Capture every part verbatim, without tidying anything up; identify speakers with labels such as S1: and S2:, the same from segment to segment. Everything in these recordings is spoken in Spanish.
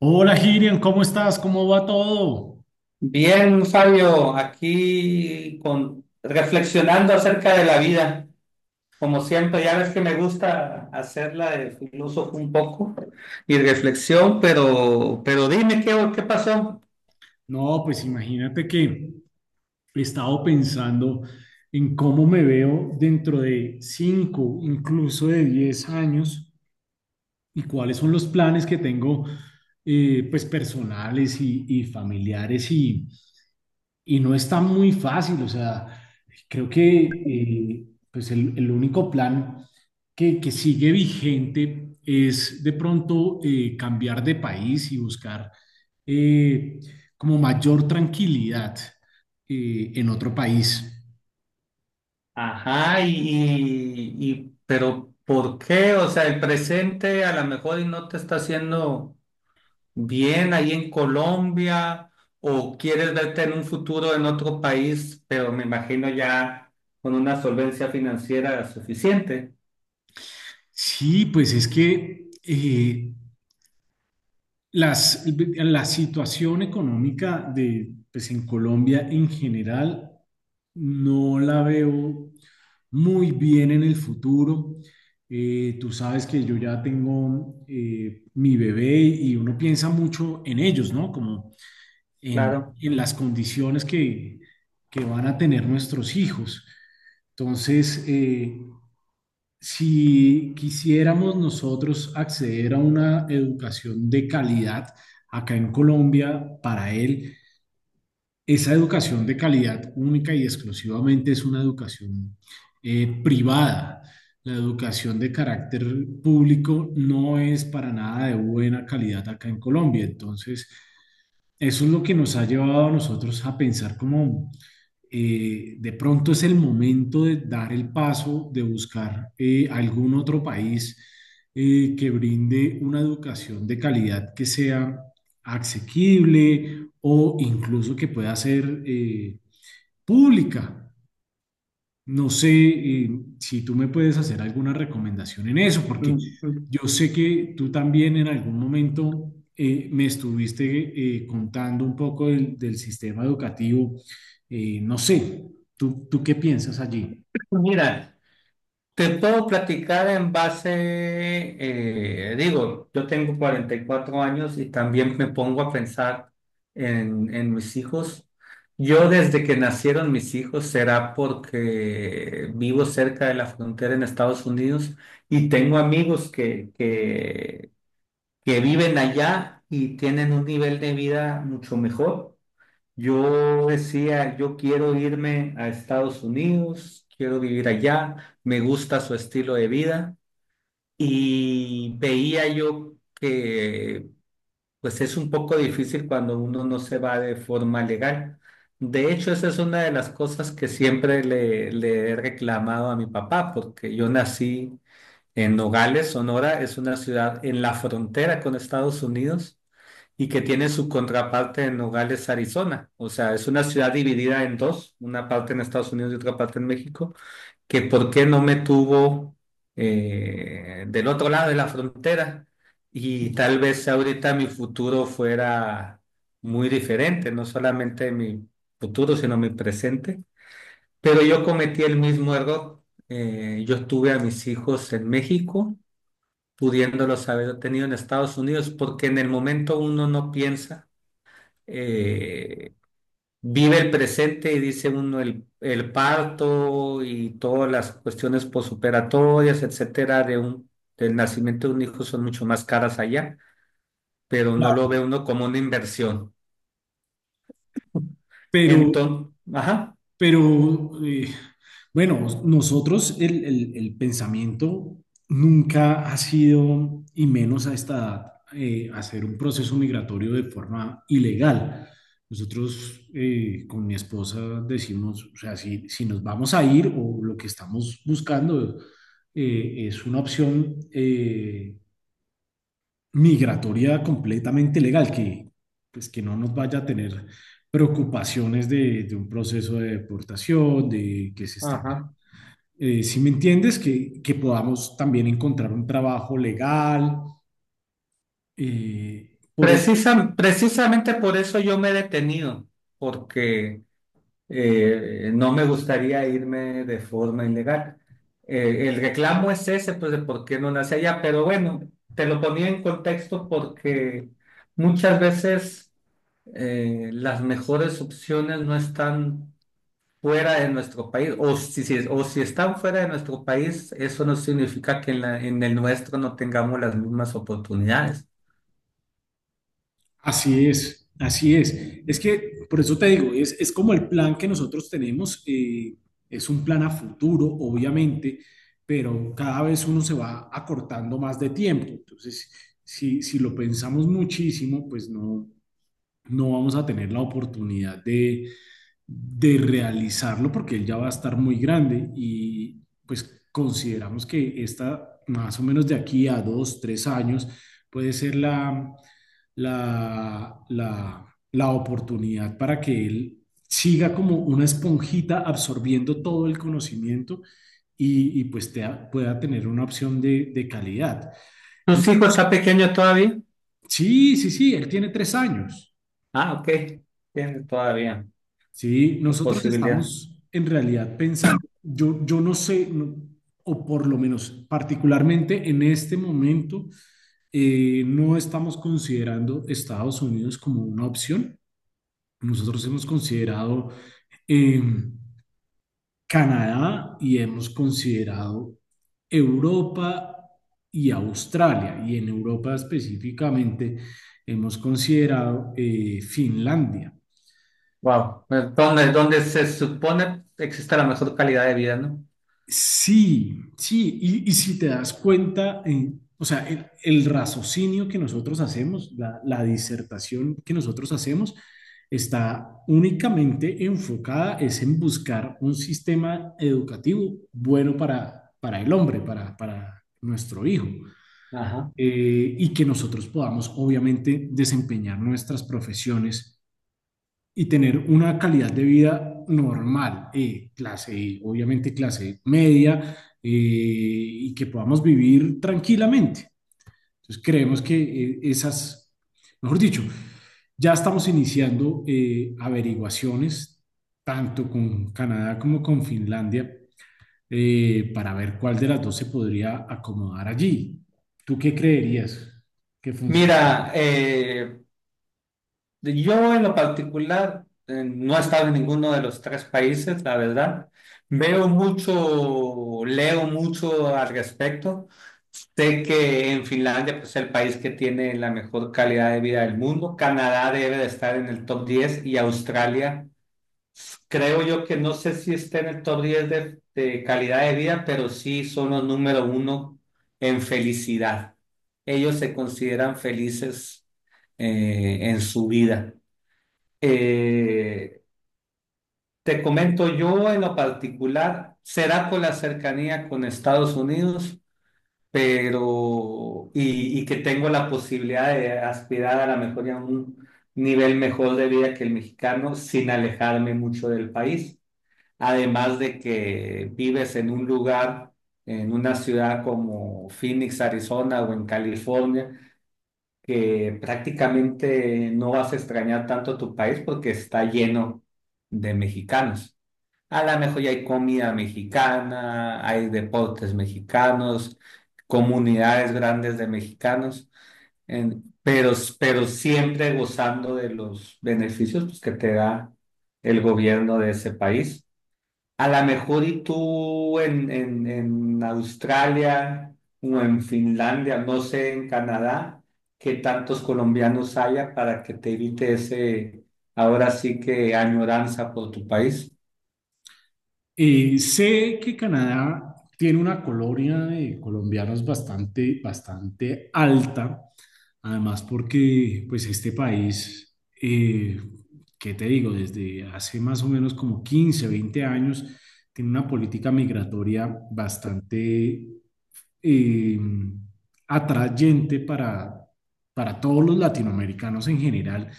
S1: Hola Girian, ¿cómo estás? ¿Cómo va todo?
S2: Bien, Fabio, aquí con, reflexionando acerca de la vida. Como siempre, ya ves que me gusta hacerla de filósofo un poco y reflexión, pero, pero dime qué, qué pasó.
S1: No, pues imagínate que he estado pensando en cómo me veo dentro de cinco, incluso de diez años y cuáles son los planes que tengo eh, pues personales y, y familiares Y, y no está muy fácil, o sea, creo que eh, pues el, el, único plan que, que, sigue vigente es de pronto, eh, cambiar de país y buscar eh, como mayor tranquilidad eh, en otro país.
S2: Ajá, y, y, y- pero ¿por qué? O sea, el presente a lo mejor y no te está haciendo bien ahí en Colombia, o quieres verte en un futuro en otro país, pero me imagino ya con una solvencia financiera suficiente,
S1: Sí, pues es que eh, las, la situación económica de, pues en Colombia en general No la veo muy bien en el futuro. Eh, tú sabes que yo ya tengo eh, mi bebé y uno piensa mucho en ellos, ¿no? Como en,
S2: claro.
S1: en las condiciones que, que van a tener nuestros hijos. Entonces, eh, si quisiéramos nosotros acceder a una educación de calidad acá en Colombia para él, esa educación de calidad única y exclusivamente es una educación eh, privada. La educación de carácter público no es para nada de buena calidad acá en Colombia. Entonces, eso es lo que nos ha llevado a nosotros a pensar como, eh, de pronto es el momento de dar el paso, de buscar eh, algún otro país eh, que brinde una educación de calidad que sea asequible o incluso que pueda ser eh, pública. No sé, eh, si tú me puedes hacer alguna recomendación en eso, porque
S2: Mm, mm.
S1: yo sé que tú también en algún momento eh, me estuviste eh, contando un poco del, del sistema educativo. Eh, no sé, ¿tú, tú qué piensas allí?
S2: Mira. Te puedo platicar en base, eh, digo, yo tengo cuarenta y cuatro años y también me pongo a pensar en, en mis hijos. Yo desde que nacieron mis hijos, será porque vivo cerca de la frontera en Estados Unidos y tengo amigos que, que, que viven allá y tienen un nivel de vida mucho mejor. Yo decía, yo quiero irme a Estados Unidos, quiero vivir allá, me gusta su estilo de vida y veía yo que pues es un poco difícil cuando uno no se va de forma legal. De hecho, esa es una de las cosas que siempre le, le he reclamado a mi papá, porque yo nací en Nogales, Sonora. Es una ciudad en la frontera con Estados Unidos y que tiene su contraparte en Nogales, Arizona. O sea, es una ciudad dividida en dos, una parte en Estados Unidos y otra parte en México, que por qué no me tuvo eh, del otro lado de la frontera y tal vez ahorita mi futuro fuera muy diferente, no solamente mi futuro, sino mi presente. Pero yo cometí el mismo error. Eh, yo tuve a mis hijos en México, pudiéndolos haber tenido en Estados Unidos, porque en el momento uno no piensa, eh, vive el presente y dice uno el, el parto y todas las cuestiones posoperatorias, etcétera, de un, del nacimiento de un hijo son mucho más caras allá, pero no lo
S1: Claro.
S2: ve uno como una inversión.
S1: Pero,
S2: Entonces, ajá,
S1: Pero eh, bueno, nosotros el, el- el pensamiento nunca ha sido, y menos a esta edad, eh, hacer un proceso migratorio de forma ilegal. Nosotros, eh, con mi esposa decimos, o sea, si, si nos vamos a ir, o lo que estamos buscando eh, es una opción eh, migratoria completamente legal, que, pues, que no nos vaya a tener preocupaciones de, de un proceso de deportación, de que se está.
S2: ajá.
S1: Eh, si me entiendes, que, que podamos también encontrar un trabajo legal. Eh, por
S2: Precisa- precisamente por eso yo me he detenido, porque eh, no me gustaría irme de forma ilegal. Eh, el reclamo es ese, pues de por qué no nace allá, pero bueno, te lo ponía en contexto porque muchas veces eh, las mejores opciones no están fuera de nuestro país, o si, si- o si están fuera de nuestro país, eso no significa que en la- en el nuestro no tengamos las mismas oportunidades.
S1: Así es, así es. Es que, por eso te digo, es, es como el plan que nosotros tenemos. Eh, es un plan a futuro, obviamente, pero cada vez uno se va acortando más de tiempo. Entonces, si, si lo pensamos muchísimo, pues no, no vamos a tener la oportunidad de realizarlo porque él ya va a estar muy grande y pues consideramos que esta más o menos, de aquí a dos, tres años puede ser la, la, la, la oportunidad para que él siga como una esponjita absorbiendo todo el conocimiento. Y, y pues te- pueda tener una opción de, de calidad.
S2: ¿Tu hijo está
S1: Nosotros-
S2: pequeño todavía?
S1: sí, sí, sí, él tiene tres años.
S2: Ah, ok, tiene todavía
S1: Sí,
S2: la
S1: nosotros
S2: posibilidad.
S1: estamos en realidad pensando, yo, yo no sé, no- o por lo menos particularmente en este momento, eh, no estamos considerando Estados Unidos como una opción. Nosotros hemos considerado, eh, Canadá, y hemos considerado Europa y Australia. Y en Europa específicamente hemos considerado, eh, Finlandia.
S2: Wow, donde, donde se supone existe la mejor calidad de vida, ¿no?
S1: Sí, sí, y, y si te das cuenta, en, o sea, el, el raciocinio que nosotros hacemos, la, la disertación que nosotros hacemos, está únicamente enfocada es en buscar un sistema educativo bueno para, para el hombre, para, para nuestro hijo,
S2: Ajá.
S1: eh, y que nosotros podamos, obviamente, desempeñar nuestras profesiones y tener una calidad de vida normal, eh, clase, E, obviamente clase media, eh, y que podamos vivir tranquilamente. Entonces creemos que eh, esas, mejor dicho, ya estamos iniciando, eh, averiguaciones tanto con Canadá como con Finlandia, eh, para ver cuál de las dos se podría acomodar allí. ¿Tú qué creerías que funciona?
S2: Mira, eh, yo en lo particular, eh, no he estado en ninguno de los tres países, la verdad. Veo mucho, leo mucho al respecto. Sé que en Finlandia pues, es el país que tiene la mejor calidad de vida del mundo. Canadá debe de estar en el top diez y Australia, creo yo que no sé si está en el top diez de, de calidad de vida, pero sí son los número uno en felicidad. Ellos se consideran felices eh, en su vida. Eh, Te comento, yo en lo particular, será por la cercanía con Estados Unidos, pero y, y que tengo la posibilidad de aspirar a la mejor y a un nivel mejor de vida que el mexicano sin alejarme mucho del país. Además de que vives en un lugar, en una ciudad como Phoenix, Arizona o en California, que prácticamente no vas a extrañar tanto tu país porque está lleno de mexicanos. A lo mejor ya hay comida mexicana, hay deportes mexicanos, comunidades grandes de mexicanos, en- pero, pero siempre gozando de los beneficios pues, que te da el gobierno de ese país. A lo mejor y tú en, en, en Australia o en Finlandia, no sé, en Canadá, qué tantos colombianos haya para que te evite ese, ahora sí que añoranza por tu país.
S1: Eh, sé que Canadá tiene una colonia de colombianos bastante, bastante alta, además porque pues este país, eh, ¿qué te digo? Desde hace más o menos como quince, veinte años, tiene una política migratoria bastante, eh, atrayente para, para, todos los latinoamericanos en general,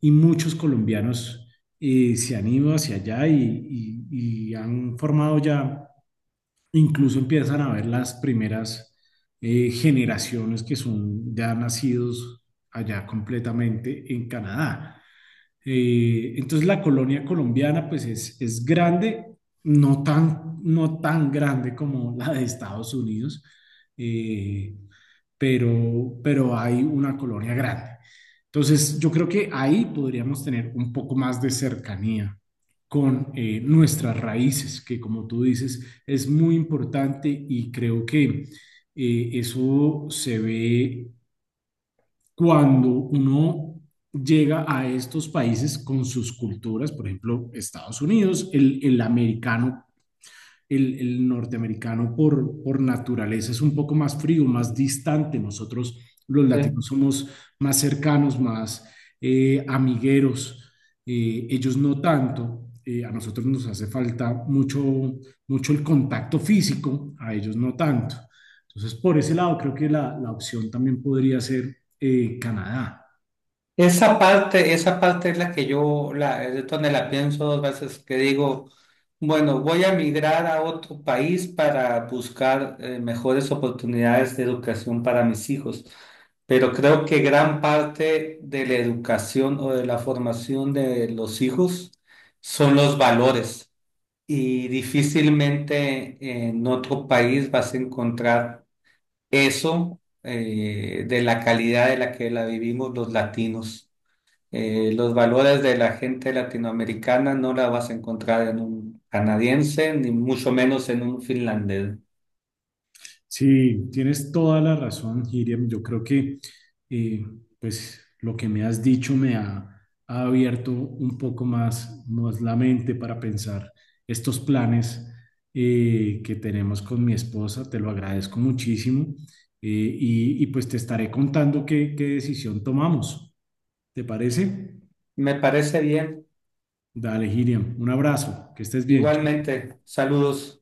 S1: y muchos colombianos eh, se han ido hacia allá, y, y- y han formado ya, incluso empiezan a ver las primeras, eh, generaciones que son ya nacidos allá completamente en Canadá. Eh, entonces la colonia colombiana pues es, es grande, no tan, no tan grande como la de Estados Unidos, eh, pero, pero hay una colonia grande. Entonces yo creo que ahí podríamos tener un poco más de cercanía con, eh, nuestras raíces, que como tú dices es muy importante, y creo que eh, eso se ve cuando uno llega a estos países con sus culturas, por ejemplo, Estados Unidos, el, el americano el, el norteamericano, por, por naturaleza, es un poco más frío, más distante. Nosotros los latinos
S2: Sí.
S1: somos más cercanos, más, eh, amigueros, eh, ellos no tanto. Eh, a nosotros nos hace falta mucho, mucho el contacto físico, a ellos no tanto. Entonces, por ese lado, creo que la, la opción también podría ser, eh, Canadá.
S2: Esa parte, esa parte es la que yo, la, es donde la pienso dos veces, que digo, bueno, voy a migrar a otro país para buscar, eh, mejores oportunidades de educación para mis hijos, pero creo que gran parte de la educación o de la formación de los hijos son los valores y difícilmente en otro país vas a encontrar eso, eh, de la calidad de la que la vivimos los latinos. Eh, los valores de la gente latinoamericana no la vas a encontrar en un canadiense, ni mucho menos en un finlandés.
S1: Sí, tienes toda la razón, Hiriam. Yo creo que eh, pues lo que me has dicho me ha, ha abierto un poco más, más la mente para pensar estos planes eh, que tenemos con mi esposa. Te lo agradezco muchísimo, eh, y, y pues te estaré contando qué, qué, decisión tomamos. ¿Te parece?
S2: Me parece bien.
S1: Dale, Hiriam. Un abrazo. Que estés bien.
S2: Igualmente, saludos.